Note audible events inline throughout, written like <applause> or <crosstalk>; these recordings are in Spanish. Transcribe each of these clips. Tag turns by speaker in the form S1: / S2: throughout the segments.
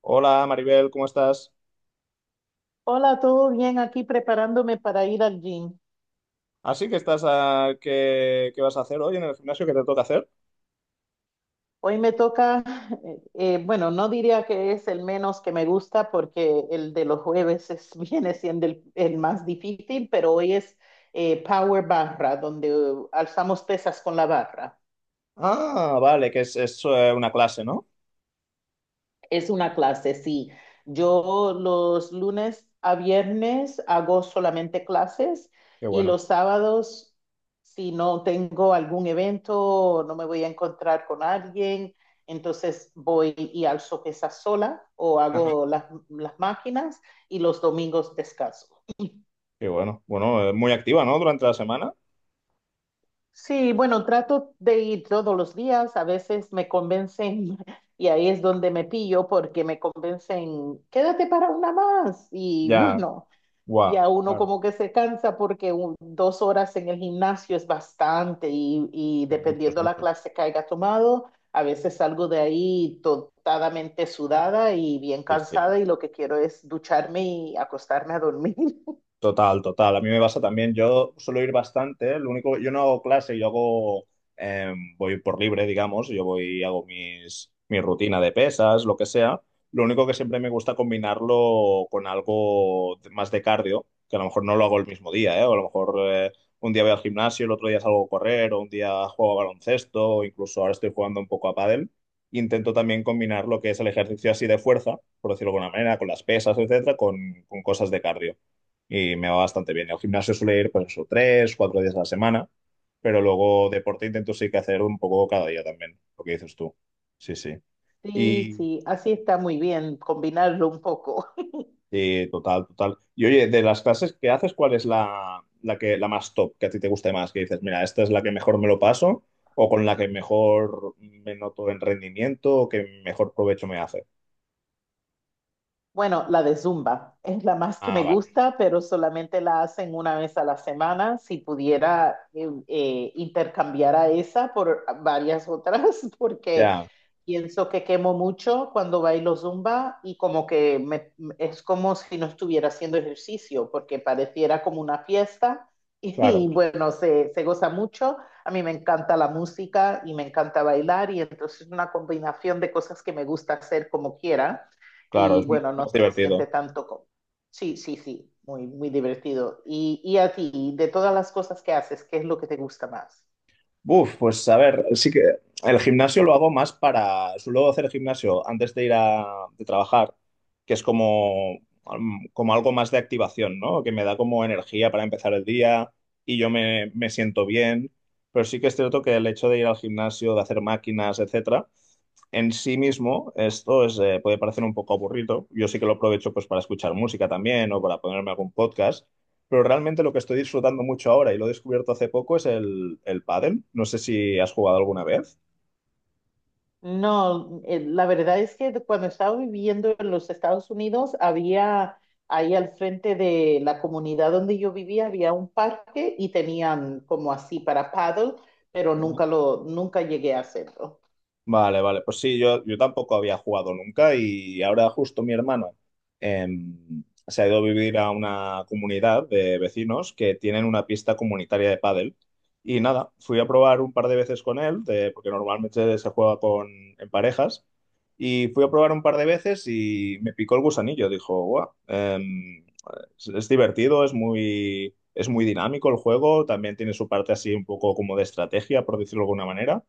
S1: Hola Maribel, ¿cómo estás?
S2: Hola, ¿todo bien? Aquí preparándome para ir al gym.
S1: Así que estás a... ¿Qué vas a hacer hoy en el gimnasio? ¿Qué te toca hacer?
S2: Hoy me toca, <laughs> bueno, no diría que es el menos que me gusta porque el de los jueves es, <laughs> viene siendo el más difícil, pero hoy es Power Barra, donde alzamos pesas con la barra.
S1: Ah, vale, que es una clase, ¿no?
S2: Es una clase, sí. Yo los lunes a viernes hago solamente clases
S1: Qué
S2: y
S1: bueno.
S2: los sábados, si no tengo algún evento o no me voy a encontrar con alguien, entonces voy y alzo pesas sola o
S1: Ajá,
S2: hago las máquinas y los domingos descanso.
S1: qué bueno. Bueno, muy activa, ¿no? Durante la semana.
S2: Sí, bueno, trato de ir todos los días. A veces me convencen <laughs> y ahí es donde me pillo porque me convencen, quédate para una más. Y
S1: Ya,
S2: bueno, y
S1: guau,
S2: a uno
S1: claro,
S2: como que se cansa porque dos horas en el gimnasio es bastante y
S1: que mucho, es
S2: dependiendo la
S1: mucho.
S2: clase que haya tomado, a veces salgo de ahí totalmente sudada y bien
S1: Sí, sí.
S2: cansada y lo que quiero es ducharme y acostarme a dormir. <laughs>
S1: Total, total. A mí me pasa también. Yo suelo ir bastante, ¿eh? Lo único, yo no hago clase, yo hago, voy por libre, digamos. Yo voy, hago mi rutina de pesas, lo que sea. Lo único que siempre me gusta combinarlo con algo más de cardio, que a lo mejor no lo hago el mismo día, ¿eh? O a lo mejor un día voy al gimnasio, el otro día salgo a correr, o un día juego a baloncesto, o incluso ahora estoy jugando un poco a pádel. Intento también combinar lo que es el ejercicio así de fuerza, por decirlo de alguna manera, con las pesas, etcétera, con cosas de cardio y me va bastante bien. Al gimnasio suele ir pues eso, tres, cuatro días a la semana, pero luego deporte intento sí que hacer un poco cada día también, lo que dices tú. Sí, sí.
S2: Sí,
S1: Y
S2: sí, así está muy bien combinarlo un poco.
S1: sí, total, total. Y oye, de las clases que haces, ¿cuál es la más top que a ti te guste más? Que dices, mira, esta es la que mejor me lo paso o con la que mejor me noto en rendimiento o que mejor provecho me hace.
S2: Bueno, la de Zumba es la más que
S1: Ah,
S2: me
S1: vale.
S2: gusta, pero solamente la hacen una vez a la semana. Si pudiera intercambiar a esa por varias otras, <laughs> porque
S1: Ya,
S2: pienso que quemo mucho cuando bailo Zumba y como que me- es como si no estuviera haciendo ejercicio, porque pareciera como una fiesta <laughs> y,
S1: claro,
S2: bueno, se goza mucho. A mí me encanta la música y me encanta bailar y entonces es una combinación de cosas que me gusta hacer como quiera
S1: claro,
S2: y
S1: es
S2: bueno, no
S1: más
S2: se siente
S1: divertido.
S2: tanto como... Sí, sí, sí, muy, muy divertido. Y a ti, de todas las cosas que haces, ¿qué es lo que te gusta más?
S1: Uf, pues a ver, sí que el gimnasio lo hago más para, suelo hacer gimnasio antes de ir a de trabajar, que es como, como algo más de activación, ¿no? Que me da como energía para empezar el día y yo me siento bien, pero sí que es cierto que el hecho de ir al gimnasio, de hacer máquinas, etcétera, en sí mismo esto es, puede parecer un poco aburrido. Yo sí que lo aprovecho pues para escuchar música también o para ponerme algún podcast, pero realmente lo que estoy disfrutando mucho ahora y lo he descubierto hace poco es el pádel. No sé si has jugado alguna vez.
S2: No, la verdad es que cuando estaba viviendo en los Estados Unidos, había ahí al frente de la comunidad donde yo vivía, había un parque y tenían como así para paddle, pero
S1: Ujú.
S2: nunca llegué a hacerlo.
S1: Vale, vale. Pues sí, yo tampoco había jugado nunca y ahora justo mi hermano se ha ido a vivir a una comunidad de vecinos que tienen una pista comunitaria de pádel. Y nada, fui a probar un par de veces con él, de- porque normalmente se juega con, en parejas. Y fui a probar un par de veces y me picó el gusanillo. Dijo, guau, es divertido, es muy dinámico el juego. También tiene su parte así un poco como de estrategia, por decirlo de alguna manera.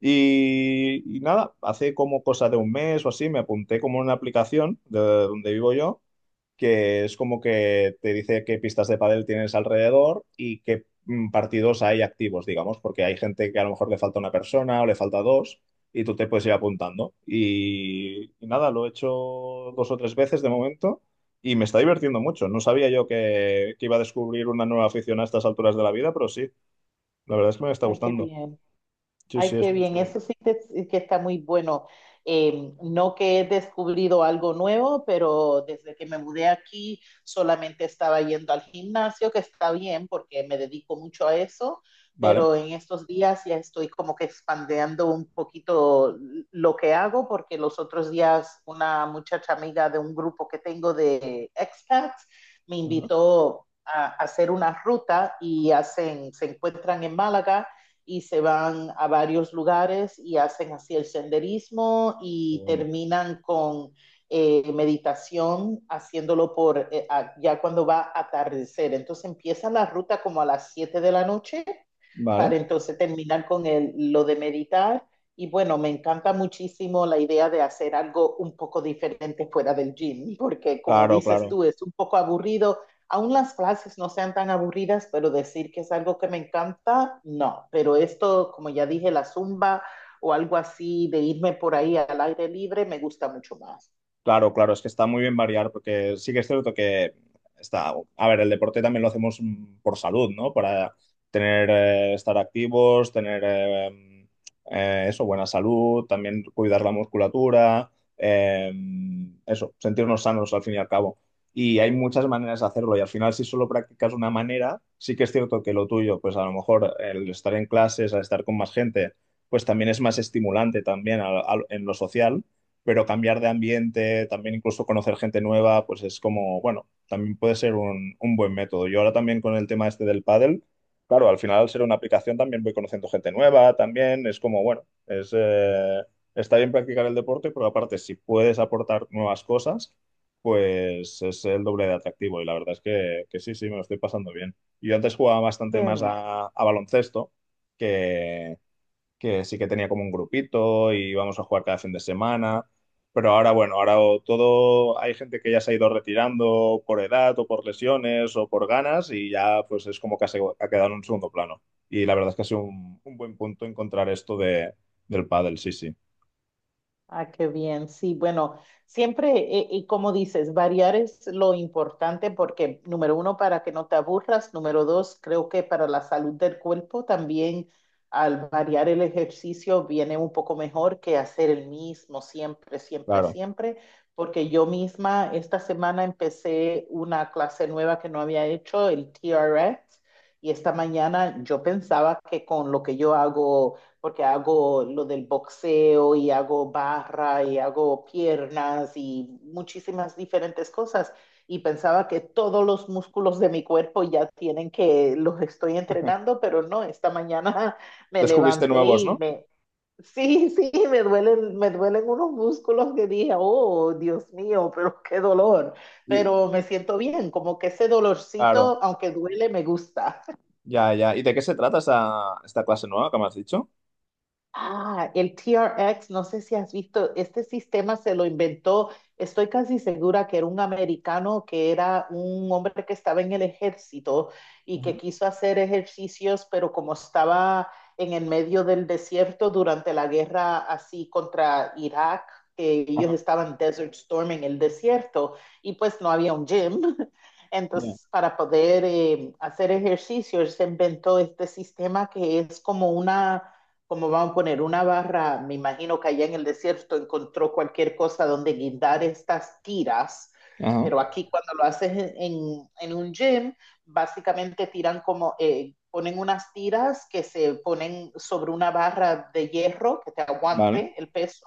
S1: Y nada, hace como cosa de un mes o así me apunté como en una aplicación de donde vivo yo, que es como que te dice qué pistas de pádel tienes alrededor y qué partidos hay activos, digamos, porque hay gente que a lo mejor le falta una persona o le falta dos y tú te puedes ir apuntando. Y nada, lo he hecho dos o tres veces de momento y me está divirtiendo mucho. No sabía yo que iba a descubrir una nueva afición a estas alturas de la vida, pero sí, la verdad es que me está
S2: Ay, qué
S1: gustando.
S2: bien.
S1: Sí,
S2: Ay,
S1: sí, es
S2: qué
S1: muy
S2: bien,
S1: chulo.
S2: eso sí que está muy bueno. No que he descubrido algo nuevo, pero desde que me mudé aquí solamente estaba yendo al gimnasio, que está bien porque me dedico mucho a eso,
S1: Vale.
S2: pero en estos días ya estoy como que expandiendo un poquito lo que hago, porque los otros días una muchacha amiga de un grupo que tengo de expats me
S1: Ajá.
S2: invitó a hacer una ruta y hacen, se encuentran en Málaga y se van a varios lugares y hacen así el senderismo
S1: Qué
S2: y
S1: bueno.
S2: terminan con meditación haciéndolo por ya cuando va a atardecer. Entonces empiezan la ruta como a las 7 de la noche para
S1: Vale.
S2: entonces terminar con lo de meditar. Y bueno, me encanta muchísimo la idea de hacer algo un poco diferente fuera del gym, porque como
S1: Claro,
S2: dices
S1: claro.
S2: tú, es un poco aburrido aún las clases no sean tan aburridas, pero decir que es algo que me encanta, no. Pero esto, como ya dije, la zumba o algo así de irme por ahí al aire libre, me gusta mucho más.
S1: Claro, claro, es que está muy bien variar porque sí que es cierto que está, a ver, el deporte también lo hacemos por salud, ¿no? Para tener, estar activos, tener eso, buena salud, también cuidar la musculatura, eh, eso, sentirnos sanos al fin y al cabo. Y hay muchas maneras de hacerlo y al final si solo practicas una manera, sí que es cierto que lo tuyo, pues a lo mejor el estar en clases, al estar con más gente, pues también es más estimulante también en lo social, pero cambiar de ambiente, también incluso conocer gente nueva, pues es como, bueno, también puede ser un buen método. Yo ahora también con el tema este del pádel, claro, al final al ser una aplicación también voy conociendo gente nueva, también es como, bueno, es, está bien practicar el deporte, pero aparte si puedes aportar nuevas cosas, pues es el doble de atractivo y la verdad es que sí, sí, me lo estoy pasando bien. Yo antes jugaba bastante
S2: Qué
S1: más
S2: bien.
S1: a baloncesto que, que sí que tenía como un grupito y íbamos a jugar cada fin de semana. Pero ahora, bueno, ahora o todo, hay gente que ya se ha ido retirando por edad o por lesiones o por ganas y ya pues es como que ha quedado en un segundo plano. Y la verdad es que ha sido un buen punto encontrar esto de, del pádel, sí, sí,
S2: Ah, qué bien. Sí, bueno, siempre, y como dices, variar es lo importante porque, número uno, para que no te aburras, número dos, creo que para la salud del cuerpo también al variar el ejercicio viene un poco mejor que hacer el mismo siempre, siempre,
S1: claro.
S2: siempre, porque yo misma esta semana empecé una clase nueva que no había hecho, el TRX, y esta mañana yo pensaba que con lo que yo hago porque hago lo del boxeo y hago barra y hago piernas y muchísimas diferentes cosas. Y pensaba que todos los músculos de mi cuerpo ya tienen que los estoy entrenando, pero no, esta mañana <laughs> me
S1: Descubriste
S2: levanté
S1: nuevos,
S2: y
S1: ¿no?
S2: me, sí, sí, me duelen unos músculos que dije, oh, Dios mío, pero qué dolor.
S1: Y,
S2: Pero me siento bien, como que ese
S1: claro,
S2: dolorcito, aunque duele, me gusta.
S1: ya, ya. ¿Y de qué se trata esta clase nueva que me has dicho?
S2: Ah, el TRX, no sé si has visto, este sistema se lo inventó, estoy casi segura que era un americano, que era un hombre que estaba en el ejército y
S1: Ajá.
S2: que quiso hacer ejercicios, pero como estaba en el medio del desierto durante la guerra así contra Irak, que ellos
S1: Ajá.
S2: estaban Desert Storm en el desierto y pues no había un gym. <laughs>
S1: Ya.
S2: Entonces, para poder hacer ejercicios, se inventó este sistema que es como una como van a poner una barra, me imagino que allá en el desierto encontró cualquier cosa donde guindar estas tiras,
S1: Ajá.
S2: pero aquí cuando lo haces en un gym, básicamente tiran como, ponen unas tiras que se ponen sobre una barra de hierro que te
S1: Vale.
S2: aguante el peso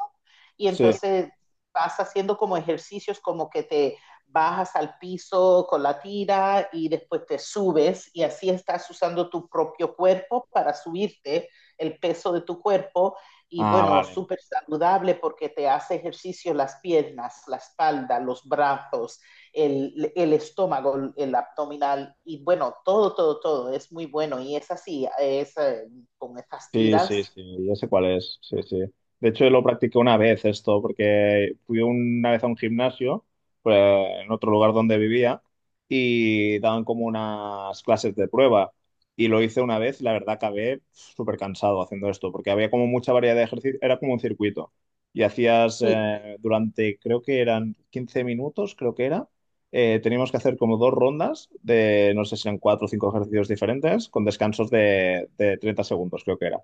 S2: y
S1: Sí.
S2: entonces vas haciendo como ejercicios como que te bajas al piso con la tira y después te subes y así estás usando tu propio cuerpo para subirte el peso de tu cuerpo y
S1: Ah,
S2: bueno,
S1: vale.
S2: súper saludable porque te hace ejercicio las piernas, la espalda, los brazos, el estómago, el abdominal y bueno, todo, todo, todo es muy bueno y es así, es con estas
S1: Sí, sí,
S2: tiras.
S1: sí, ya sé cuál es. Sí, sí. De hecho, lo practiqué una vez esto, porque fui una vez a un gimnasio, pues, en otro lugar donde vivía, y daban como unas clases de prueba. Y lo hice una vez, y la verdad acabé súper cansado haciendo esto, porque había como mucha variedad de ejercicios, era como un circuito. Y hacías
S2: Sí,
S1: durante, creo que eran 15 minutos, creo que era. Teníamos que hacer como dos rondas de, no sé si eran cuatro o cinco ejercicios diferentes, con descansos de 30 segundos, creo que era.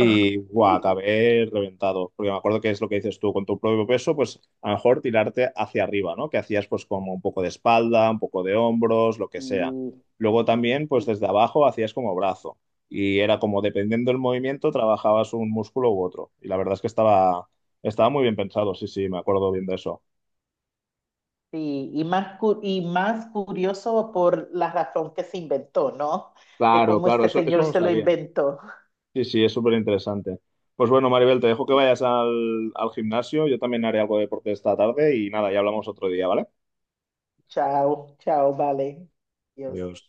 S2: oh,
S1: guau,
S2: sí,
S1: acabé reventado, porque me acuerdo que es lo que dices tú, con tu propio peso, pues a lo mejor tirarte hacia arriba, ¿no? Que hacías pues como un poco de espalda, un poco de hombros, lo que sea.
S2: sí,
S1: Luego también pues
S2: sí,
S1: desde abajo hacías como brazo y era como dependiendo del movimiento trabajabas un músculo u otro. Y la verdad es que estaba, estaba muy bien pensado, sí, sí, me acuerdo bien de eso.
S2: sí. Y, y más curioso por la razón que se inventó, ¿no? De
S1: Claro,
S2: cómo
S1: claro,
S2: este
S1: eso
S2: señor
S1: no lo
S2: se lo
S1: sabía.
S2: inventó.
S1: Sí, sí, es súper interesante. Pues bueno, Maribel, te dejo que vayas al, al gimnasio, yo también haré algo de deporte esta tarde y nada, ya hablamos otro día, ¿vale?
S2: Chao, chao, vale. Dios.
S1: Adiós.